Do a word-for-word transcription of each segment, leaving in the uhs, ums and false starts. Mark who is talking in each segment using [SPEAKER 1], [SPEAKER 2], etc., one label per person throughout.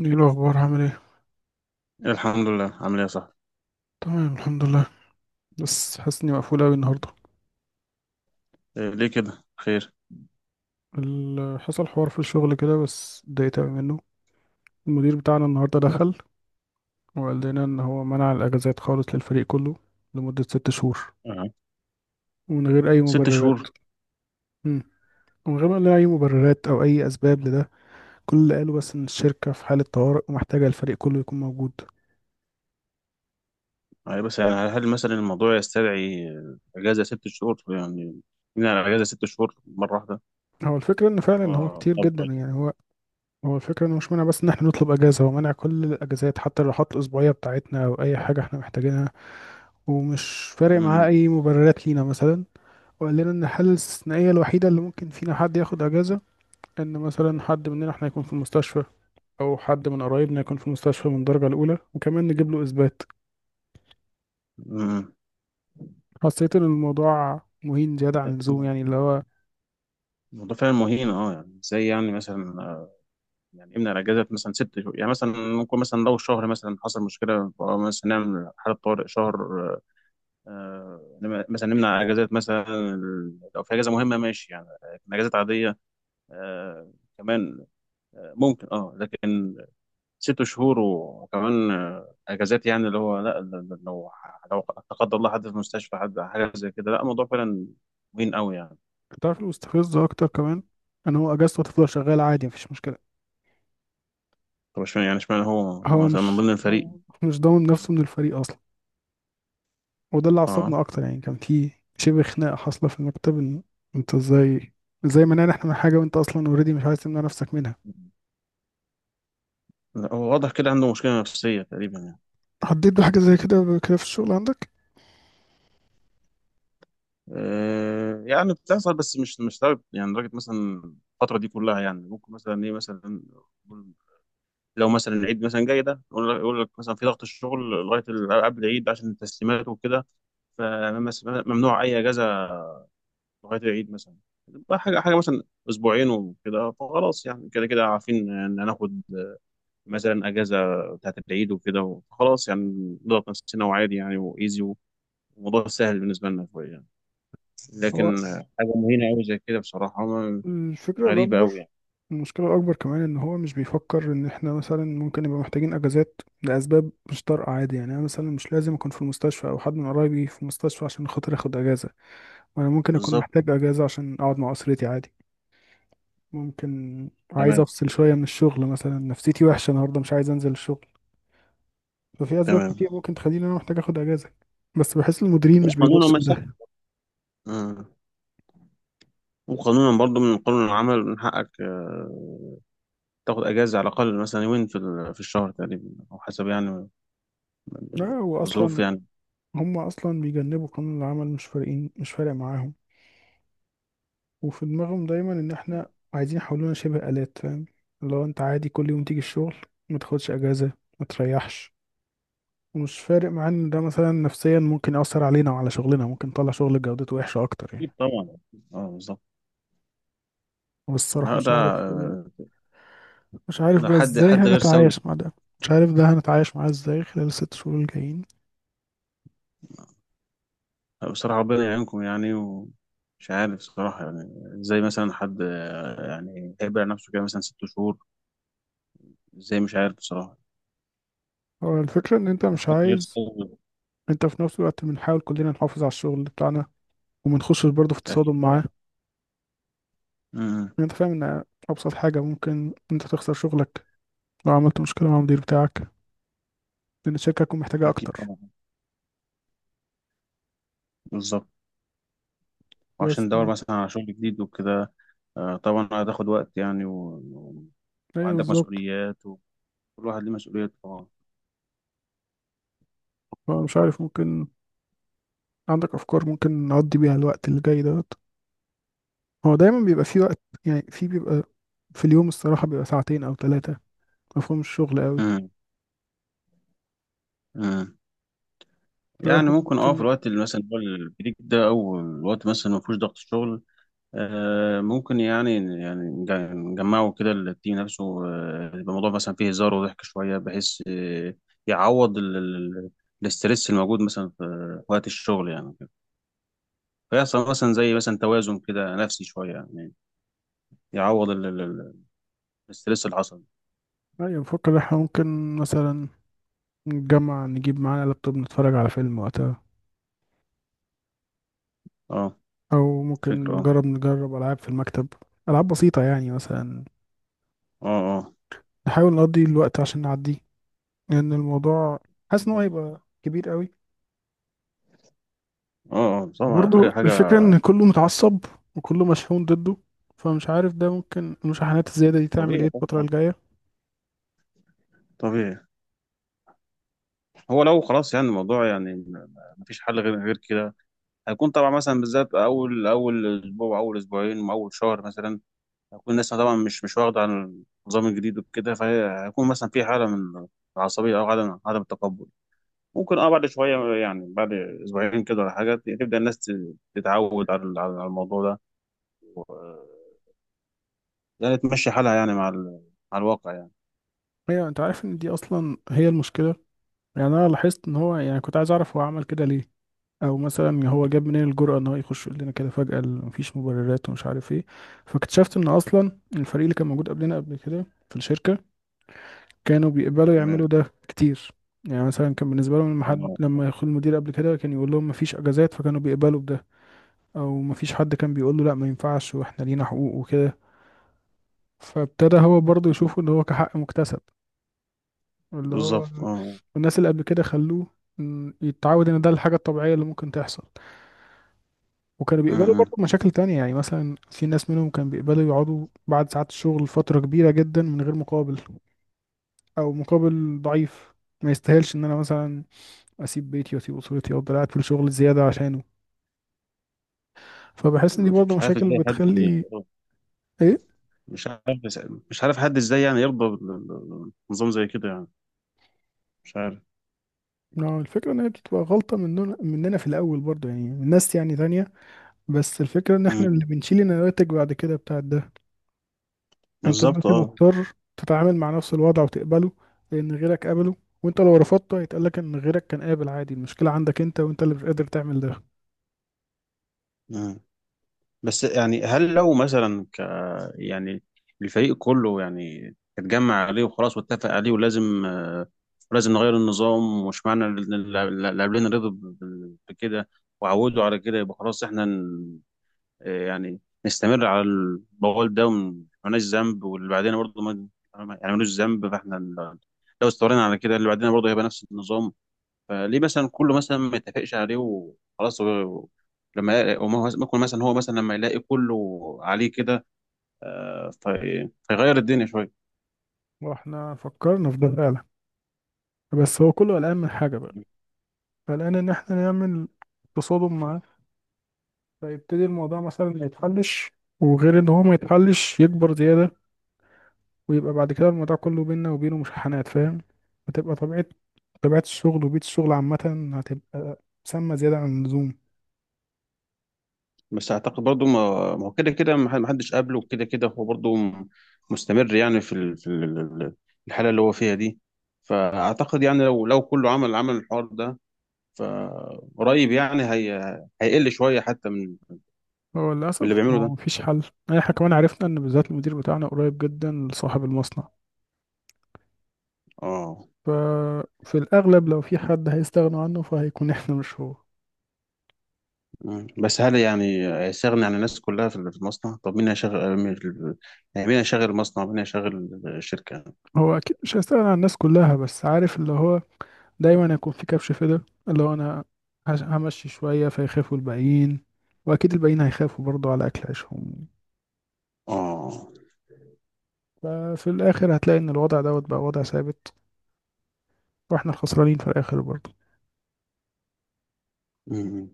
[SPEAKER 1] ايه الاخبار؟ عامل ايه؟
[SPEAKER 2] الحمد لله، عامل ايه يا صاحبي؟
[SPEAKER 1] تمام الحمد لله. بس حاسس اني مقفول اوي النهارده.
[SPEAKER 2] إيه، ليه كده؟ خير؟
[SPEAKER 1] ال- حصل حوار في الشغل كده بس اتضايقت اوي منه. المدير بتاعنا النهارده دخل وقال لنا ان هو منع الاجازات خالص للفريق كله لمده ست شهور،
[SPEAKER 2] أه.
[SPEAKER 1] ومن غير اي
[SPEAKER 2] ست
[SPEAKER 1] مبررات.
[SPEAKER 2] شهور
[SPEAKER 1] مم. ومن غير ما يقول لنا اي مبررات او اي اسباب لده. كل اللي قاله بس ان الشركه في حاله طوارئ ومحتاجه الفريق كله يكون موجود.
[SPEAKER 2] يعني بس يعني هل مثلا الموضوع يستدعي آه، اجازه ست شهور يعني؟ من على اجازه ست شهور مره واحده.
[SPEAKER 1] هو الفكره ان فعلا هو
[SPEAKER 2] و-
[SPEAKER 1] كتير
[SPEAKER 2] طب،
[SPEAKER 1] جدا،
[SPEAKER 2] طيب.
[SPEAKER 1] يعني هو. هو الفكرة انه مش مانع بس ان احنا نطلب اجازة، هو مانع كل الاجازات حتى الراحات الاسبوعية بتاعتنا او اي حاجة احنا محتاجينها، ومش فارق معاه
[SPEAKER 2] أمم.
[SPEAKER 1] اي مبررات لينا مثلا. وقال لنا ان الحالة الاستثنائية الوحيدة اللي ممكن فينا حد ياخد اجازة ان مثلا حد مننا احنا يكون في المستشفى، او حد من قرايبنا يكون في المستشفى من الدرجة الاولى، وكمان نجيب له اثبات.
[SPEAKER 2] أمم.
[SPEAKER 1] حسيت ان الموضوع مهين زيادة عن اللزوم، يعني اللي هو.
[SPEAKER 2] الموضوع فعلا مهين، اه، يعني ازاي؟ يعني مثلا آه، يعني امنع الاجازه مثلا ست شهور يعني. مثلا ممكن مثلا لو شهر مثلا حصل مشكله، أو مثلا نعمل حاله طوارئ شهر، آه، آه، مثلا نمنع اجازات مثلا لو في اجازه مهمه، ماشي يعني. لكن اجازات عاديه آه كمان آه ممكن اه، لكن ست شهور وكمان آه اجازات، يعني اللي هو لا، ل- ل- لو لو لا قدر الله حد في المستشفى، حد حاجه زي كده، لا الموضوع فعلا مهم قوي يعني.
[SPEAKER 1] تعرف المستفز اكتر كمان ان هو اجازته هتفضل شغالة عادي، مفيش مشكلة.
[SPEAKER 2] طب اشمعنى، يعني اشمعنى هو
[SPEAKER 1] هو
[SPEAKER 2] مثلا من
[SPEAKER 1] مش
[SPEAKER 2] ضمن الفريق؟
[SPEAKER 1] هو مش ضامن نفسه من الفريق اصلا، وده اللي
[SPEAKER 2] اه.
[SPEAKER 1] عصبنا اكتر. يعني كان في شبه خناقه حاصله في المكتب ان: انت ازاي، ازاي منعنا احنا من حاجه وانت اصلا اوريدي مش عايز تمنع نفسك منها؟
[SPEAKER 2] لا، هو واضح كده عنده مشكله نفسيه تقريبا يعني.
[SPEAKER 1] حددت بحاجه زي كده قبل كده في الشغل عندك؟
[SPEAKER 2] آه يعني بتحصل، بس مش مش لدرجه يعني، لدرجه مثلا الفتره دي كلها يعني، ممكن مثلا ايه مثلا لو مثلا العيد مثلا جاي، ده يقول لك، يقول لك مثلا في ضغط الشغل لغايه الالعاب العيد عشان التسليمات وكده، فممنوع اي اجازه لغايه العيد مثلا. بقى حاجه حاجه مثلا اسبوعين وكده، فخلاص يعني كده كده عارفين ان هناخد مثلا اجازه بتاعت العيد وكده، فخلاص يعني نضغط نفسنا وعادي يعني، وايزي وموضوع سهل بالنسبه لنا شويه يعني.
[SPEAKER 1] هو
[SPEAKER 2] لكن حاجه مهينه قوي زي كده بصراحه ما-
[SPEAKER 1] الفكره
[SPEAKER 2] غريبه
[SPEAKER 1] الاكبر،
[SPEAKER 2] قوي يعني.
[SPEAKER 1] المشكله الاكبر كمان ان هو مش بيفكر ان احنا مثلا ممكن نبقى محتاجين اجازات لاسباب مش طارئه عادي، يعني انا مثلا مش لازم اكون في المستشفى او حد من قرايبي في المستشفى عشان خاطر اخد اجازه. وانا ممكن اكون
[SPEAKER 2] بالظبط.
[SPEAKER 1] محتاج اجازه عشان اقعد مع اسرتي عادي، ممكن عايز
[SPEAKER 2] تمام.
[SPEAKER 1] افصل شويه من الشغل، مثلا نفسيتي وحشه النهارده مش عايز انزل الشغل. ففي اسباب
[SPEAKER 2] تمام.
[SPEAKER 1] كتير ممكن تخليني انا محتاج اخد اجازه، بس بحس المديرين مش
[SPEAKER 2] وقانون
[SPEAKER 1] بيبصوا لده.
[SPEAKER 2] المساحه، وقانونا برضو من قانون العمل من حقك آه، تاخد اجازه على الاقل مثلا يومين في ال- في الشهر تقريبا، او حسب يعني
[SPEAKER 1] لا، هو
[SPEAKER 2] الظروف
[SPEAKER 1] اصلا
[SPEAKER 2] يعني.
[SPEAKER 1] هم اصلا بيجنبوا قانون العمل، مش فارقين، مش فارق معاهم. وفي دماغهم دايما ان احنا عايزين يحولونا شبه آلات، فاهم؟ لو انت عادي كل يوم تيجي الشغل ما تاخدش اجازه ما تريحش. ومش فارق معانا ان ده مثلا نفسيا ممكن يأثر علينا وعلى شغلنا، ممكن نطلع شغل جودته وحشه اكتر
[SPEAKER 2] اكيد
[SPEAKER 1] يعني.
[SPEAKER 2] طبعا. اه بالظبط.
[SPEAKER 1] والصراحه
[SPEAKER 2] لا،
[SPEAKER 1] مش
[SPEAKER 2] ده
[SPEAKER 1] عارف،
[SPEAKER 2] آه،
[SPEAKER 1] مش عارف
[SPEAKER 2] ده
[SPEAKER 1] بقى
[SPEAKER 2] حد
[SPEAKER 1] ازاي
[SPEAKER 2] حد غير سوي.
[SPEAKER 1] هنتعايش مع ده، مش عارف ده هنتعايش معاه ازاي خلال الست شهور الجايين.
[SPEAKER 2] بصراحه ربنا يعينكم يعني، ومش عارف بصراحه يعني ازاي مثلا حد آه، يعني هيبقى نفسه كده مثلا ست شهور. ازاي؟ مش عارف بصراحه.
[SPEAKER 1] هو الفكرة ان انت مش
[SPEAKER 2] حد غير
[SPEAKER 1] عايز.
[SPEAKER 2] سوي.
[SPEAKER 1] انت في نفس الوقت بنحاول كلنا نحافظ على الشغل بتاعنا ومنخشش برضه في
[SPEAKER 2] اكيد
[SPEAKER 1] تصادم معاه،
[SPEAKER 2] طبعا. امم.
[SPEAKER 1] لأن انت فاهم ان ابسط حاجة ممكن انت تخسر شغلك لو عملت مشكلة مع المدير بتاعك، لان الشركة هتكون محتاجة
[SPEAKER 2] اكيد
[SPEAKER 1] اكتر.
[SPEAKER 2] طبعا. بالظبط. وعشان
[SPEAKER 1] بس
[SPEAKER 2] ندور مثلا على شغل جديد وكده آه، طبعا هتاخد وقت يعني.
[SPEAKER 1] ايوه
[SPEAKER 2] وعندك
[SPEAKER 1] بالظبط.
[SPEAKER 2] مسؤوليات، وكل واحد ليه مسؤوليات طبعا.
[SPEAKER 1] هو مش عارف، ممكن عندك افكار ممكن نقضي بيها الوقت اللي جاي دوت. هو دايما بيبقى في وقت، يعني في بيبقى في اليوم الصراحة بيبقى ساعتين او ثلاثة، مفهوم الشغل قوي،
[SPEAKER 2] مم. مم. يعني
[SPEAKER 1] فاحنا
[SPEAKER 2] ممكن، اه، في
[SPEAKER 1] ممكن.
[SPEAKER 2] الوقت اللي مثلا هو البريك ده، او الوقت مثلا ما فيهوش ضغط شغل آه ممكن يعني، يعني نج- نجمعه كده التيم نفسه، آه، يبقى الموضوع مثلا فيه هزار وضحك شويه بحيث آه يعوض ال- ال- الاسترس الموجود مثلا في وقت الشغل يعني كده. فيحصل مثلا زي مثلا توازن كده نفسي شويه يعني، يعوض ال- ال- ال- الاسترس اللي حصل.
[SPEAKER 1] أيوة بفكر احنا ممكن مثلا نتجمع نجيب معانا لابتوب نتفرج على فيلم وقتها،
[SPEAKER 2] اه،
[SPEAKER 1] أو
[SPEAKER 2] فكره.
[SPEAKER 1] ممكن
[SPEAKER 2] اه،
[SPEAKER 1] نجرب نجرب ألعاب في المكتب، ألعاب بسيطة يعني مثلا.
[SPEAKER 2] اه،
[SPEAKER 1] نحاول نقضي الوقت عشان نعديه، لأن الموضوع حاسس إن هو
[SPEAKER 2] اه،
[SPEAKER 1] هيبقى كبير قوي.
[SPEAKER 2] اه، اه، طبعا.
[SPEAKER 1] وبرضه
[SPEAKER 2] حاجه حاجة
[SPEAKER 1] الفكرة إن كله متعصب وكله مشحون ضده، فمش عارف ده ممكن المشاحنات الزيادة دي تعمل إيه
[SPEAKER 2] طبيعي
[SPEAKER 1] الفترة
[SPEAKER 2] طبعا.
[SPEAKER 1] الجاية.
[SPEAKER 2] طبيعي. هو لو خلاص يعني الموضوع يعني م- مفيش حل غير غير كده، هيكون طبعا مثلا بالذات اول اول اسبوع، اول اسبوعين، اول شهر مثلا، هتكون الناس طبعا مش مش واخده عن النظام الجديد وكده، فهيكون مثلا في حاله من العصبيه او عدم عدم التقبل. ممكن، اه، بعد شويه يعني، بعد اسبوعين كده ولا حاجه، تبدا الناس ت- تتعود على ال- على الموضوع ده، و- يعني تمشي حالها يعني مع ال- مع الواقع يعني.
[SPEAKER 1] هي أنت عارف إن دي أصلا هي المشكلة. يعني أنا لاحظت إن هو يعني كنت عايز أعرف هو عمل كده ليه، او مثلا هو جاب منين الجرأة ان هو يخش يقول لنا كده فجأة ال- مفيش مبررات ومش عارف ايه. فاكتشفت ان اصلا الفريق اللي كان موجود قبلنا قبل كده في الشركة كانوا بيقبلوا
[SPEAKER 2] تمام.
[SPEAKER 1] يعملوا ده كتير. يعني مثلا كان بالنسبة لهم لما حد
[SPEAKER 2] اه
[SPEAKER 1] لما يدخل المدير قبل كده كان يقول لهم مفيش اجازات فكانوا بيقبلوا بده، او مفيش حد كان بيقول له لا ما ينفعش واحنا لينا حقوق وكده. فابتدى هو برضه يشوفه ان هو كحق مكتسب، اللي هو
[SPEAKER 2] بالظبط. اه.
[SPEAKER 1] الناس اللي قبل كده خلوه م، يتعود ان ده الحاجة الطبيعية اللي ممكن تحصل. وكانوا
[SPEAKER 2] م-
[SPEAKER 1] بيقبلوا
[SPEAKER 2] م.
[SPEAKER 1] برضه مشاكل تانية، يعني مثلا في ناس منهم كانوا بيقبلوا يقعدوا بعد ساعات الشغل فترة كبيرة جدا من غير مقابل أو مقابل ضعيف، ما يستاهلش إن أنا مثلا أسيب بيتي وأسيب أسرتي وأفضل قاعد في الشغل زيادة عشانه. فبحس إن دي
[SPEAKER 2] مش
[SPEAKER 1] برضه
[SPEAKER 2] مش عارف
[SPEAKER 1] مشاكل
[SPEAKER 2] ازاي حد،
[SPEAKER 1] بتخلي. إيه؟
[SPEAKER 2] مش عارف. مش عارف حد ازاي يعني يرضى ب- ب- بنظام زي كده يعني. مش عارف.
[SPEAKER 1] نعم. الفكرة إن هي بتبقى غلطة مننا مننا في الأول برضه، يعني من ناس يعني تانية. بس الفكرة إن إحنا
[SPEAKER 2] مم.
[SPEAKER 1] اللي بنشيل النواتج بعد كده بتاعت ده. انت
[SPEAKER 2] بالظبط
[SPEAKER 1] دلوقتي
[SPEAKER 2] اه.
[SPEAKER 1] مضطر تتعامل مع نفس الوضع وتقبله لان غيرك قبله، وانت لو رفضته هيتقالك ان غيرك كان قابل عادي، المشكلة عندك انت وانت اللي مش قادر تعمل ده.
[SPEAKER 2] مم. بس يعني هل لو مثلا ك يعني الفريق كله يعني اتجمع عليه وخلاص واتفق عليه، ولازم آه، ولازم نغير النظام. ومش معنى ان الل- الل- اللاعبين رضوا ب- ب- بكده وعودوا على كده، يبقى خلاص احنا ن- آه، يعني نستمر على البول ده، وما- مالناش ذنب، واللي بعدين برضه ما يعني ملوش ذنب. فاحنا ال- لو استمرينا على كده، اللي بعدين برضه هيبقى نفس النظام. فليه مثلا كله مثلا ما يتفقش عليه وخلاص؟ هو- لما وما هو- ممكن مثلا هو مثلا لما يلاقي كله عليه كده آه، في- فيغير الدنيا شويه.
[SPEAKER 1] واحنا فكرنا في ده فعلا، بس هو كله قلقان من حاجة بقى. قلقان ان احنا نعمل تصادم معاه فيبتدي الموضوع مثلا ما يتحلش، وغير ان هو ما يتحلش يكبر زيادة، ويبقى بعد كده الموضوع كله بينا وبينه مشاحنات، فاهم؟ هتبقى طبيعة طبيعة الشغل وبيئة الشغل عامة هتبقى سامة زيادة عن اللزوم.
[SPEAKER 2] بس اعتقد برضه ما ما هو كده كده ما حد- ما حدش قابله، وكده كده هو برضه م- مستمر يعني في ال- في ال- ال- الحاله اللي هو فيها دي. فاعتقد يعني لو لو كله عمل عمل الحوار ده، فقريب يعني هي هيقل شوية حتى من
[SPEAKER 1] هو
[SPEAKER 2] من اللي
[SPEAKER 1] للأسف
[SPEAKER 2] بيعمله
[SPEAKER 1] هو
[SPEAKER 2] ده.
[SPEAKER 1] مفيش حل. احنا كمان عرفنا ان بالذات المدير بتاعنا قريب جدا لصاحب المصنع،
[SPEAKER 2] اه.
[SPEAKER 1] ففي الأغلب لو في حد هيستغنوا عنه فهيكون احنا مش هو.
[SPEAKER 2] مم. بس هل يعني هيستغني عن الناس كلها في في المصنع؟ طب مين هيشغل مين؟ يعني مين هيشغل المصنع؟ مين هيشغل الشركة؟
[SPEAKER 1] هو أكيد مش هيستغنى عن الناس كلها، بس عارف اللي هو دايما هيكون في كبش فدا، اللي هو أنا. هش- همشي شوية فيخافوا الباقيين، وأكيد الباقيين هيخافوا برضو على أكل عيشهم.
[SPEAKER 2] اه.
[SPEAKER 1] ففي الآخر هتلاقي إن الوضع دوت بقى وضع ثابت، وإحنا الخسرانين في الآخر برضو.
[SPEAKER 2] مم.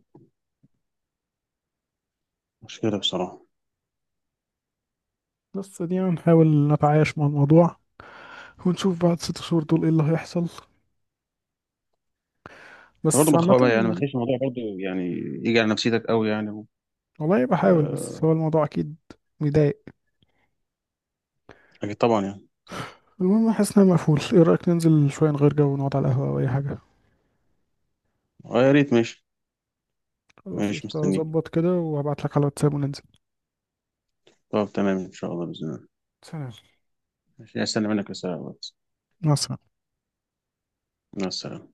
[SPEAKER 2] مشكلة بصراحة.
[SPEAKER 1] بس دي هنحاول نتعايش مع الموضوع، ونشوف بعد ست شهور دول ايه اللي هيحصل.
[SPEAKER 2] ده برضه
[SPEAKER 1] بس
[SPEAKER 2] ما
[SPEAKER 1] عامة.
[SPEAKER 2] تخاف، يعني ما تخليش الموضوع برضه يعني يجي على نفسيتك قوي يعني.
[SPEAKER 1] والله بحاول، بس
[SPEAKER 2] آه،
[SPEAKER 1] هو الموضوع أكيد مضايق.
[SPEAKER 2] أكيد طبعا يعني، طبعا.
[SPEAKER 1] المهم حاسس إن أنا مقفول. إيه رأيك ننزل شوية نغير جو ونقعد على القهوة أو أي حاجة؟
[SPEAKER 2] اه يا ريت، ماشي.
[SPEAKER 1] خلاص
[SPEAKER 2] ماشي
[SPEAKER 1] قشطة،
[SPEAKER 2] مستنيك.
[SPEAKER 1] أظبط كده وهبعتلك على الواتساب وننزل.
[SPEAKER 2] طب تمام، إن شاء الله، بإذن الله.
[SPEAKER 1] سلام.
[SPEAKER 2] ماشي، هستنى منك رسالة على الواتس.
[SPEAKER 1] مع السلامة.
[SPEAKER 2] مع السلامة.